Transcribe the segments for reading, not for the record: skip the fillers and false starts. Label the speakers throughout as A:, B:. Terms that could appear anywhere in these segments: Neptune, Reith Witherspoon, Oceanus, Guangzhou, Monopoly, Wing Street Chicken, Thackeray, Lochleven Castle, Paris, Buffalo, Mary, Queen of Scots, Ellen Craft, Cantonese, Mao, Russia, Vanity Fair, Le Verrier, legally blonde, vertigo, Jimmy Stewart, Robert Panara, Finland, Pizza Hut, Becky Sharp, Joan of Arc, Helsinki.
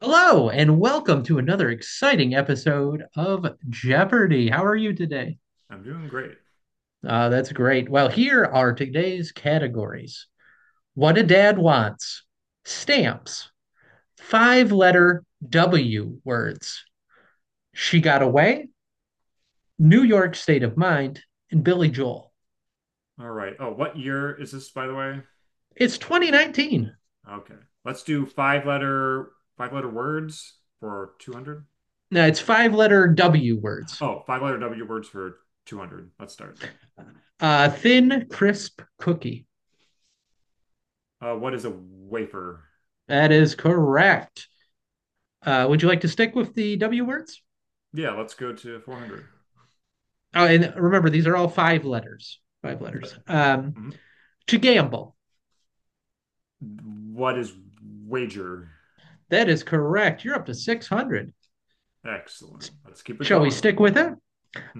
A: Hello, and welcome to another exciting episode of Jeopardy! How are you today?
B: I'm doing great.
A: That's great. Well, here are today's categories: What a Dad Wants, Stamps, Five Letter W Words, She Got Away, New York State of Mind, and Billy Joel.
B: All right. Oh, what year is this, by the way?
A: It's 2019.
B: Okay. Let's do five letter words for 200.
A: No, it's five letter W words.
B: Oh, five letter W words for 200. Let's start.
A: Thin, crisp cookie.
B: What is a wafer?
A: That is correct. Would you like to stick with the W words?
B: Yeah, let's go to 400.
A: Oh, and remember, these are all five letters. Five letters.
B: Yep.
A: Um,
B: Mhm.
A: to gamble.
B: What is wager?
A: That is correct. You're up to 600.
B: Excellent. Let's keep it
A: Shall we
B: going.
A: stick with it?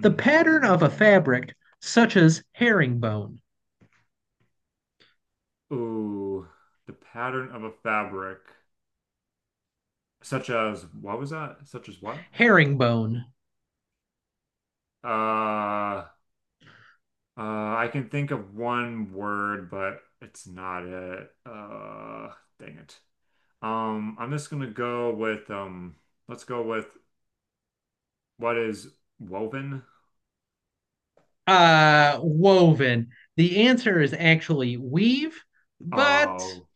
A: The pattern of a fabric, such as herringbone.
B: Ooh, the pattern of a fabric, such as what was that? Such as what?
A: Herringbone.
B: Uh, I can think of one word, but it's not it. Dang it. I'm just gonna go with Let's go with what is woven.
A: Woven. The answer is actually weave, but
B: Oh,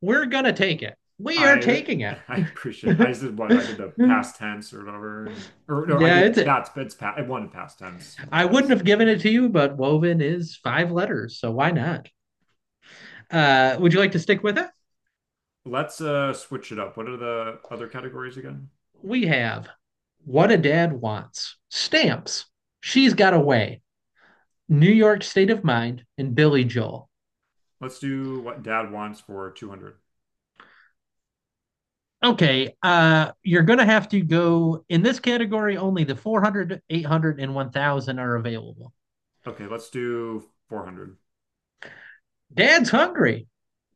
A: we're going to take it. We are
B: I
A: taking it.
B: I
A: Yeah,
B: appreciate it. I just did what I did, the past tense or whatever. Or no, I did,
A: it's it.
B: that's it's past. I wanted past tense,
A: I
B: I
A: wouldn't
B: guess.
A: have given it to you, but woven is five letters, so why not? Would you like to stick with it?
B: Let's switch it up. What are the other categories again?
A: We have What a Dad Wants, Stamps, She's Got Away, New York State of Mind, and Billy Joel.
B: Let's do what dad wants for 200.
A: Okay, you're going to have to go in this category, only the 400, 800, and 1000 are available.
B: Okay, let's do 400.
A: Dad's hungry,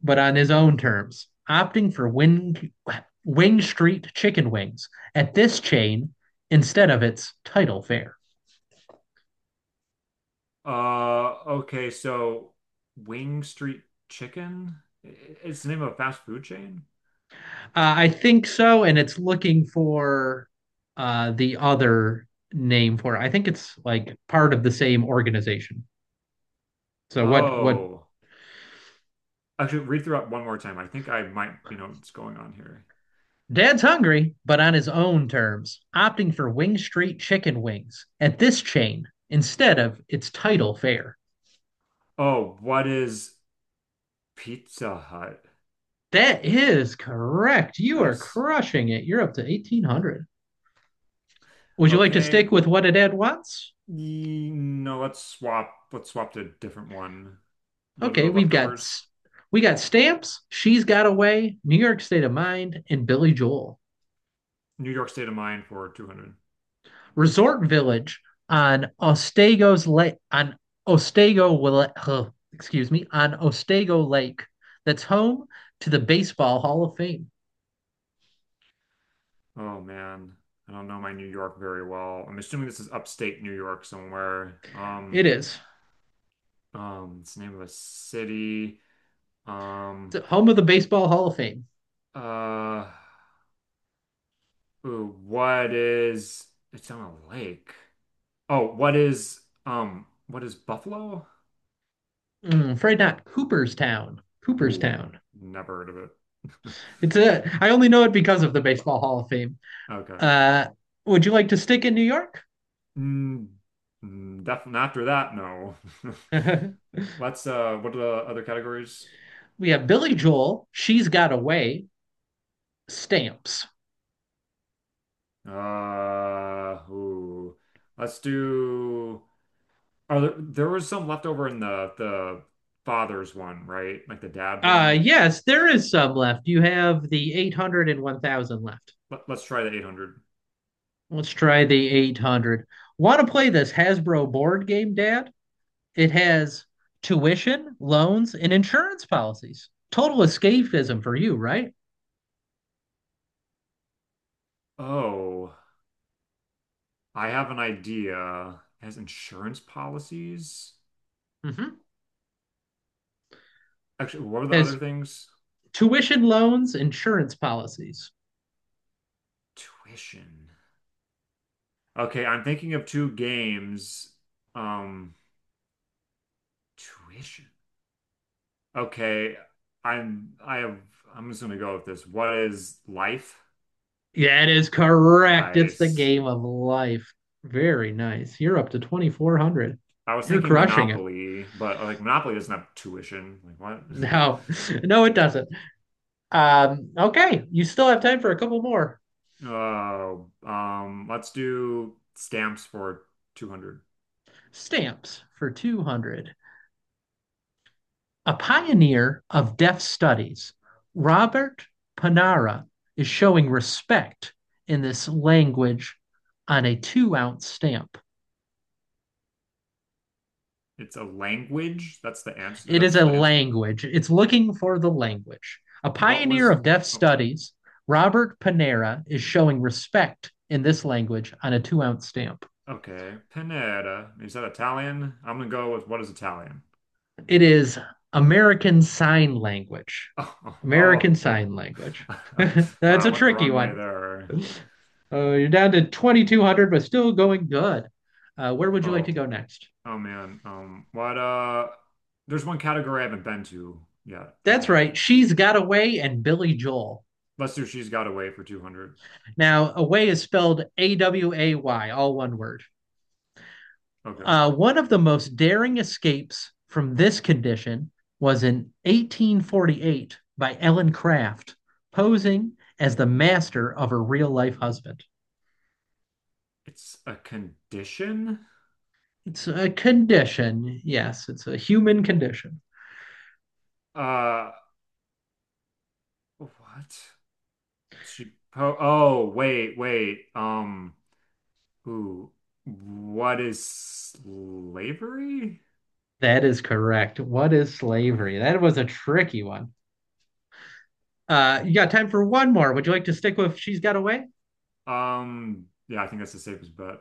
A: but on his own terms, opting for Wing Street chicken wings at this chain instead of its title fare.
B: Okay, so Wing Street Chicken? It's the name of a fast food chain?
A: I think so, and it's looking for the other name for it. I think it's like part of the same organization. So what
B: Oh, actually, read through it one more time. I think I might, you know, what's going on here.
A: Dad's hungry, but on his own terms, opting for Wing Street chicken wings at this chain instead of its title fare.
B: Oh, what is Pizza Hut?
A: That is correct. You are
B: Nice.
A: crushing it. You're up to 1800. Would you like to
B: Okay,
A: stick with what a dad wants?
B: no, let's swap. Let's swap to a different one. What are
A: Okay,
B: the
A: we've got
B: leftovers?
A: we got stamps, she's got away, New York State of Mind, and Billy Joel.
B: New York State of Mind for 200.
A: Resort village on Ostego's Lake, on excuse me, on Ostego Lake, that's home to the Baseball Hall of Fame.
B: Oh man, I don't know my New York very well. I'm assuming this is upstate New York somewhere.
A: It is
B: It's the name of a city. um
A: it's home of the Baseball Hall of Fame.
B: uh Ooh, what is, it's on a lake. Oh what is, what is Buffalo?
A: Afraid not. Cooperstown.
B: Ooh,
A: Cooperstown.
B: never heard of it.
A: It's a. I only know it because of the Baseball Hall of Fame.
B: Okay.
A: Uh, would you like to stick in New York?
B: mm, Definitely after that, no. Let's what are the other categories?
A: We have Billy Joel. She's got away. Stamps.
B: Ooh, let's do, are there there was some left over in the father's one, right? Like the dad
A: Uh
B: one.
A: yes, there is some left. You have the 800 and 1000 left.
B: Let's try the 800.
A: Let's try the 800. Want to play this Hasbro board game, Dad? It has tuition, loans, and insurance policies. Total escapism for you, right?
B: Oh, I have an idea. It has insurance policies.
A: Mm-hmm.
B: Actually, what are the other
A: Has
B: things?
A: tuition, loans, insurance policies.
B: Tuition. Okay, I'm thinking of two games. Um, Tuition. Okay, I'm I have I'm just gonna go with this. What is life?
A: Yeah, it is correct. It's the
B: Nice.
A: game of life. Very nice. You're up to 2400.
B: I was
A: You're
B: thinking
A: crushing it.
B: Monopoly, but like Monopoly doesn't have tuition. Like what?
A: No, no, it doesn't. Okay, you still have time for a couple more.
B: Oh, let's do stamps for 200.
A: Stamps for 200. A pioneer of deaf studies, Robert Panara is showing respect in this language on a 2-ounce stamp.
B: It's a language. That's the answer.
A: It is
B: That's
A: a
B: the answer.
A: language, it's looking for the language. A
B: What
A: pioneer
B: was,
A: of deaf
B: oh,
A: studies, Robert Panera is showing respect in this language on a 2-ounce stamp.
B: okay, Pineda. Is that Italian? I'm gonna go with what is Italian?
A: It is American Sign Language.
B: Oh, oh, oh.
A: American Sign Language.
B: Oh.
A: That's
B: Wow, I
A: a
B: went the
A: tricky
B: wrong way
A: one.
B: there.
A: Uh, you're down to 2,200, but still going good. Where would you like to
B: Oh,
A: go next?
B: oh man. There's one category I haven't been to yet, I
A: That's
B: think.
A: right. She's Got Away and Billy Joel.
B: Lester, she's got away for 200.
A: Now, away is spelled away, all one word.
B: Okay.
A: One of the most daring escapes from this condition was in 1848 by Ellen Craft, posing as the master of her real life husband.
B: It's a condition?
A: It's a condition. Yes, it's a human condition.
B: Uh, what? She, po Oh, wait. Ooh, what is slavery?
A: That is correct. What is
B: All
A: slavery? That was a tricky one. You got time for one more. Would you like to stick with She's Got Away?
B: right. Yeah, I think that's the safest bet.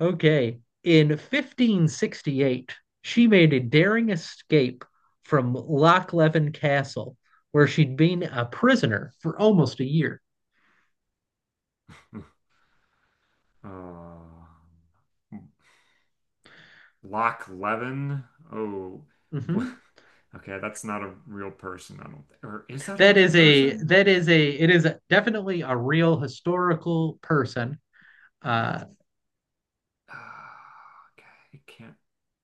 A: Okay. In 1568, she made a daring escape from Lochleven Castle, where she'd been a prisoner for almost a year.
B: Um, Loch Levin. Oh, wh-
A: Mhm.
B: okay, that's not a real person. I don't think, or is that a real person?
A: That is a Definitely a real historical person. Uh,
B: Ah, okay, it can't.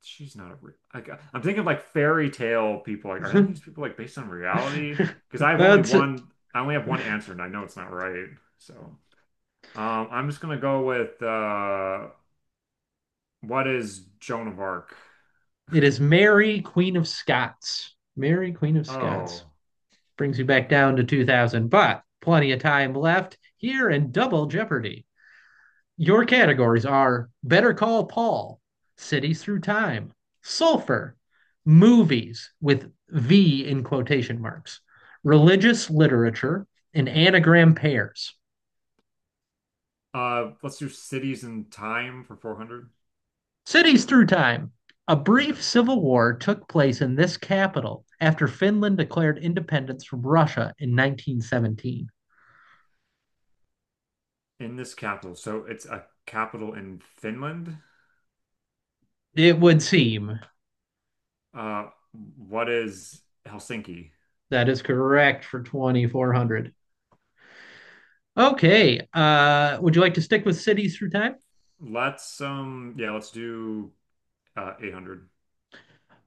B: She's not a real. I'm thinking of like fairy tale people. Like, are any of these people like based on reality? Because I have only
A: that's
B: one. I only have one answer, and I know it's not right. So. I'm just gonna go with what is Joan of Arc?
A: It is Mary, Queen of Scots. Mary, Queen of Scots.
B: Oh,
A: Brings you back
B: okay.
A: down to 2000, but plenty of time left here in Double Jeopardy. Your categories are Better Call Paul, Cities Through Time, Sulfur, Movies with V in quotation marks, Religious Literature, and Anagram Pairs.
B: Let's do cities and time for 400.
A: Cities through time. A
B: Okay.
A: brief civil war took place in this capital after Finland declared independence from Russia in 1917.
B: In this capital, so it's a capital in Finland.
A: It would seem
B: Uh, what is Helsinki?
A: that is correct for
B: Okay.
A: 2400. Okay, would you like to stick with cities through time?
B: Let's yeah, let's do 800.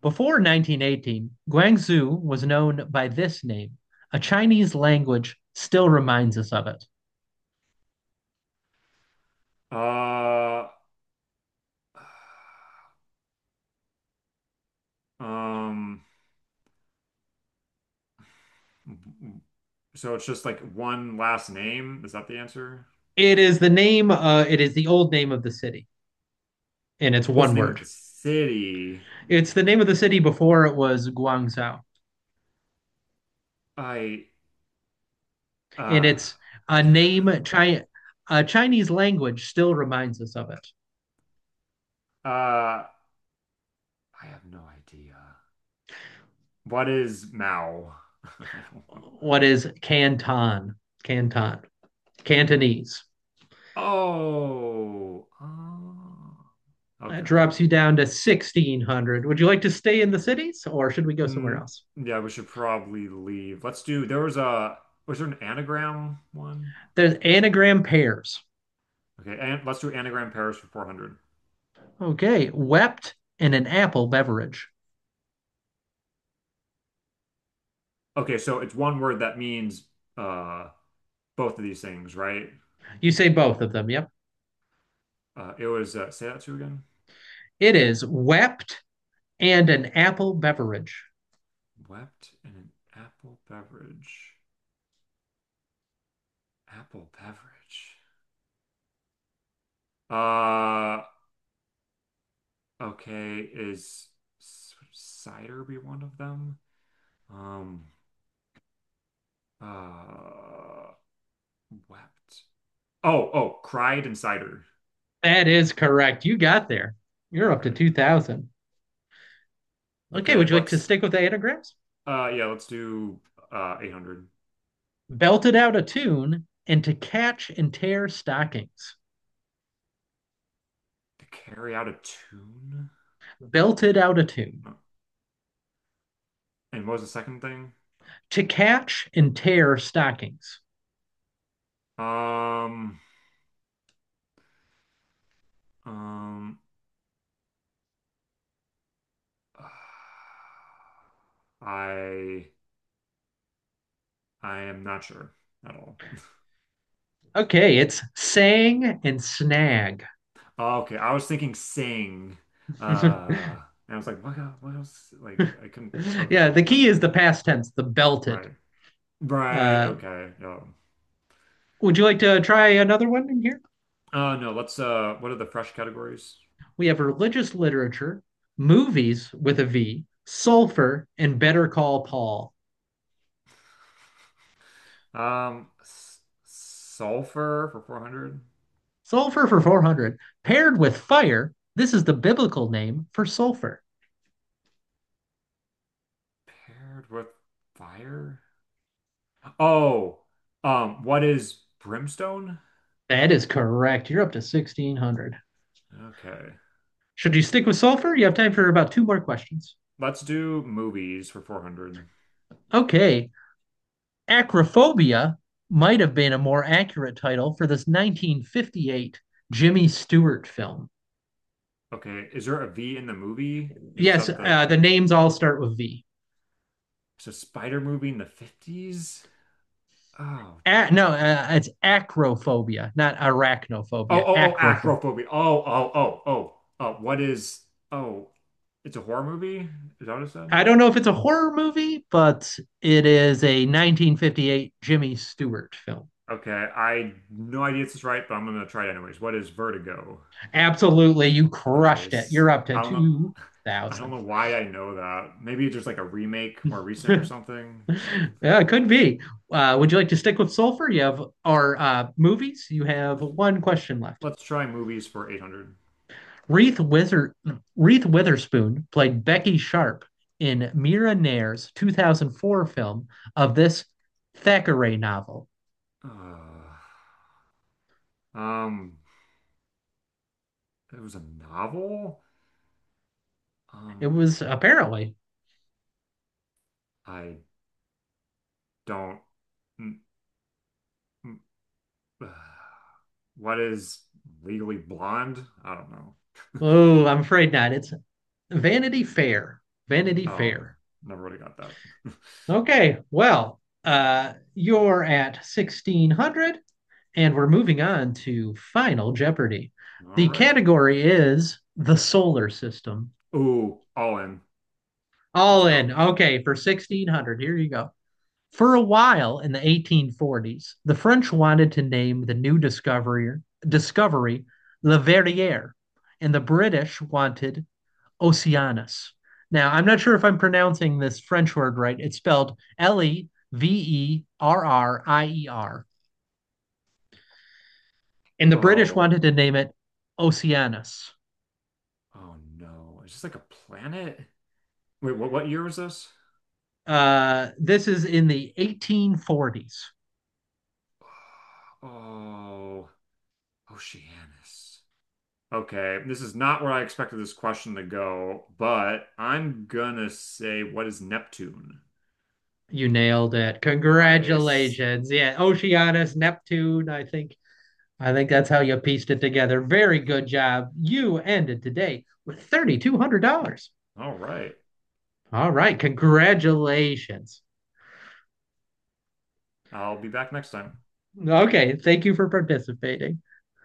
A: Before 1918, Guangzhou was known by this name. A Chinese language still reminds us of it.
B: Uh, um, so it's just like one last name. Is that the answer?
A: It is the old name of the city, and it's
B: Oh, it's
A: one
B: the name of
A: word.
B: the city.
A: It's the name of the city before it was Guangzhou,
B: I
A: and
B: Uh,
A: it's a name Chinese language still reminds us of it.
B: I have no idea. What is Mao? I don't know.
A: What is Canton? Canton, Cantonese.
B: Oh, oh.
A: That
B: Okay.
A: drops you down to 1,600. Would you like to stay in the cities, or should we go somewhere
B: Mm,
A: else?
B: yeah, we should probably leave. Let's do, there was a, Was there an anagram one?
A: There's anagram pears.
B: Okay, and let's do anagram Paris for 400.
A: Okay, wept and an apple beverage.
B: Okay, so it's one word that means uh both of these things, right?
A: You say both of them. Yep.
B: It was Say that to you again.
A: It is wept and an apple beverage.
B: Wept in an apple beverage. Apple beverage. Uh, okay, is cider be one of them? Um, uh, Wept. Oh, cried and cider.
A: That is correct. You got there. You're
B: All
A: up to
B: right.
A: 2000. Okay,
B: Okay,
A: would you like to stick with the anagrams?
B: yeah, let's do, 800.
A: Belted out a tune and to catch and tear stockings.
B: To carry out a tune?
A: Belted out a tune.
B: Uh, And what was the second thing?
A: To catch and tear stockings.
B: Um, um, I, I am not sure at all.
A: Okay, it's sang and snag.
B: Oh, okay. I was thinking sing. Uh, and I was like, what, what else? Like, I couldn't. Okay,
A: Yeah, the key
B: that's
A: is the past tense, the belted.
B: right. Right.
A: Uh,
B: Okay. No.
A: would you like to try another one in here?
B: No. Let's. What are the fresh categories?
A: We have religious literature, movies with a V, sulfur, and Better Call Paul.
B: S Sulfur for 400
A: Sulfur for 400. Paired with fire, this is the biblical name for sulfur.
B: paired with fire. Oh, what is brimstone?
A: That is correct. You're up to 1600.
B: Okay.
A: Should you stick with sulfur? You have time for about two more questions.
B: Let's do movies for 400.
A: Okay. Acrophobia might have been a more accurate title for this 1958 Jimmy Stewart film.
B: Okay. Is there a V in the movie? Is
A: Yes,
B: that the
A: the names all start with V.
B: it's a spider movie in the 50s? Oh,
A: No, it's acrophobia, not arachnophobia.
B: Oh, Acrophobia. Oh. Oh, it's a horror movie? Is that what it said?
A: I don't know if it's a horror movie, but it is a 1958 Jimmy Stewart film.
B: Okay, I no idea if this is right, but I'm gonna try it anyways. What is vertigo?
A: Absolutely, you crushed it.
B: Nice.
A: You're up to
B: I don't know. I don't
A: 2,000.
B: know why I know that. Maybe it's just like a remake more recent or
A: Yeah,
B: something, but
A: it could be. Would you like to stick with sulfur? You have our movies. You have one question left.
B: let's try movies for 800.
A: Reith, Wither- Reith Witherspoon played Becky Sharp in Mira Nair's 2004 film of this Thackeray novel.
B: Uh, um, it was a novel?
A: It
B: Um,
A: was apparently,
B: I don't. mm, mm, What is legally blonde? I don't know.
A: oh, I'm afraid not. It's Vanity Fair. Vanity
B: Oh,
A: Fair.
B: never would have got that.
A: Okay, well, you're at 1600, and we're moving on to Final Jeopardy.
B: All
A: The
B: right.
A: category is the solar system.
B: Ooh, all in. Let's
A: All in.
B: go.
A: Okay, for 1600, here you go. For a while in the 1840s, the French wanted to name the new discovery Le Verrier, and the British wanted Oceanus. Now, I'm not sure if I'm pronouncing this French word right. It's spelled Leverrier. And the British
B: Oh
A: wanted to
B: man.
A: name it Oceanus.
B: Oh no. It's just like a planet. Wait, what year was this?
A: This is in the 1840s.
B: Oh, Oceanus. Okay, this is not where I expected this question to go, but I'm gonna say what is Neptune?
A: You nailed it.
B: Nice.
A: Congratulations. Yeah, Oceanus, Neptune, I think. I think that's how you pieced it together. Very good job. You ended today with $3,200.
B: All right.
A: All right. Congratulations.
B: I'll be back next time.
A: Okay. Thank you for participating.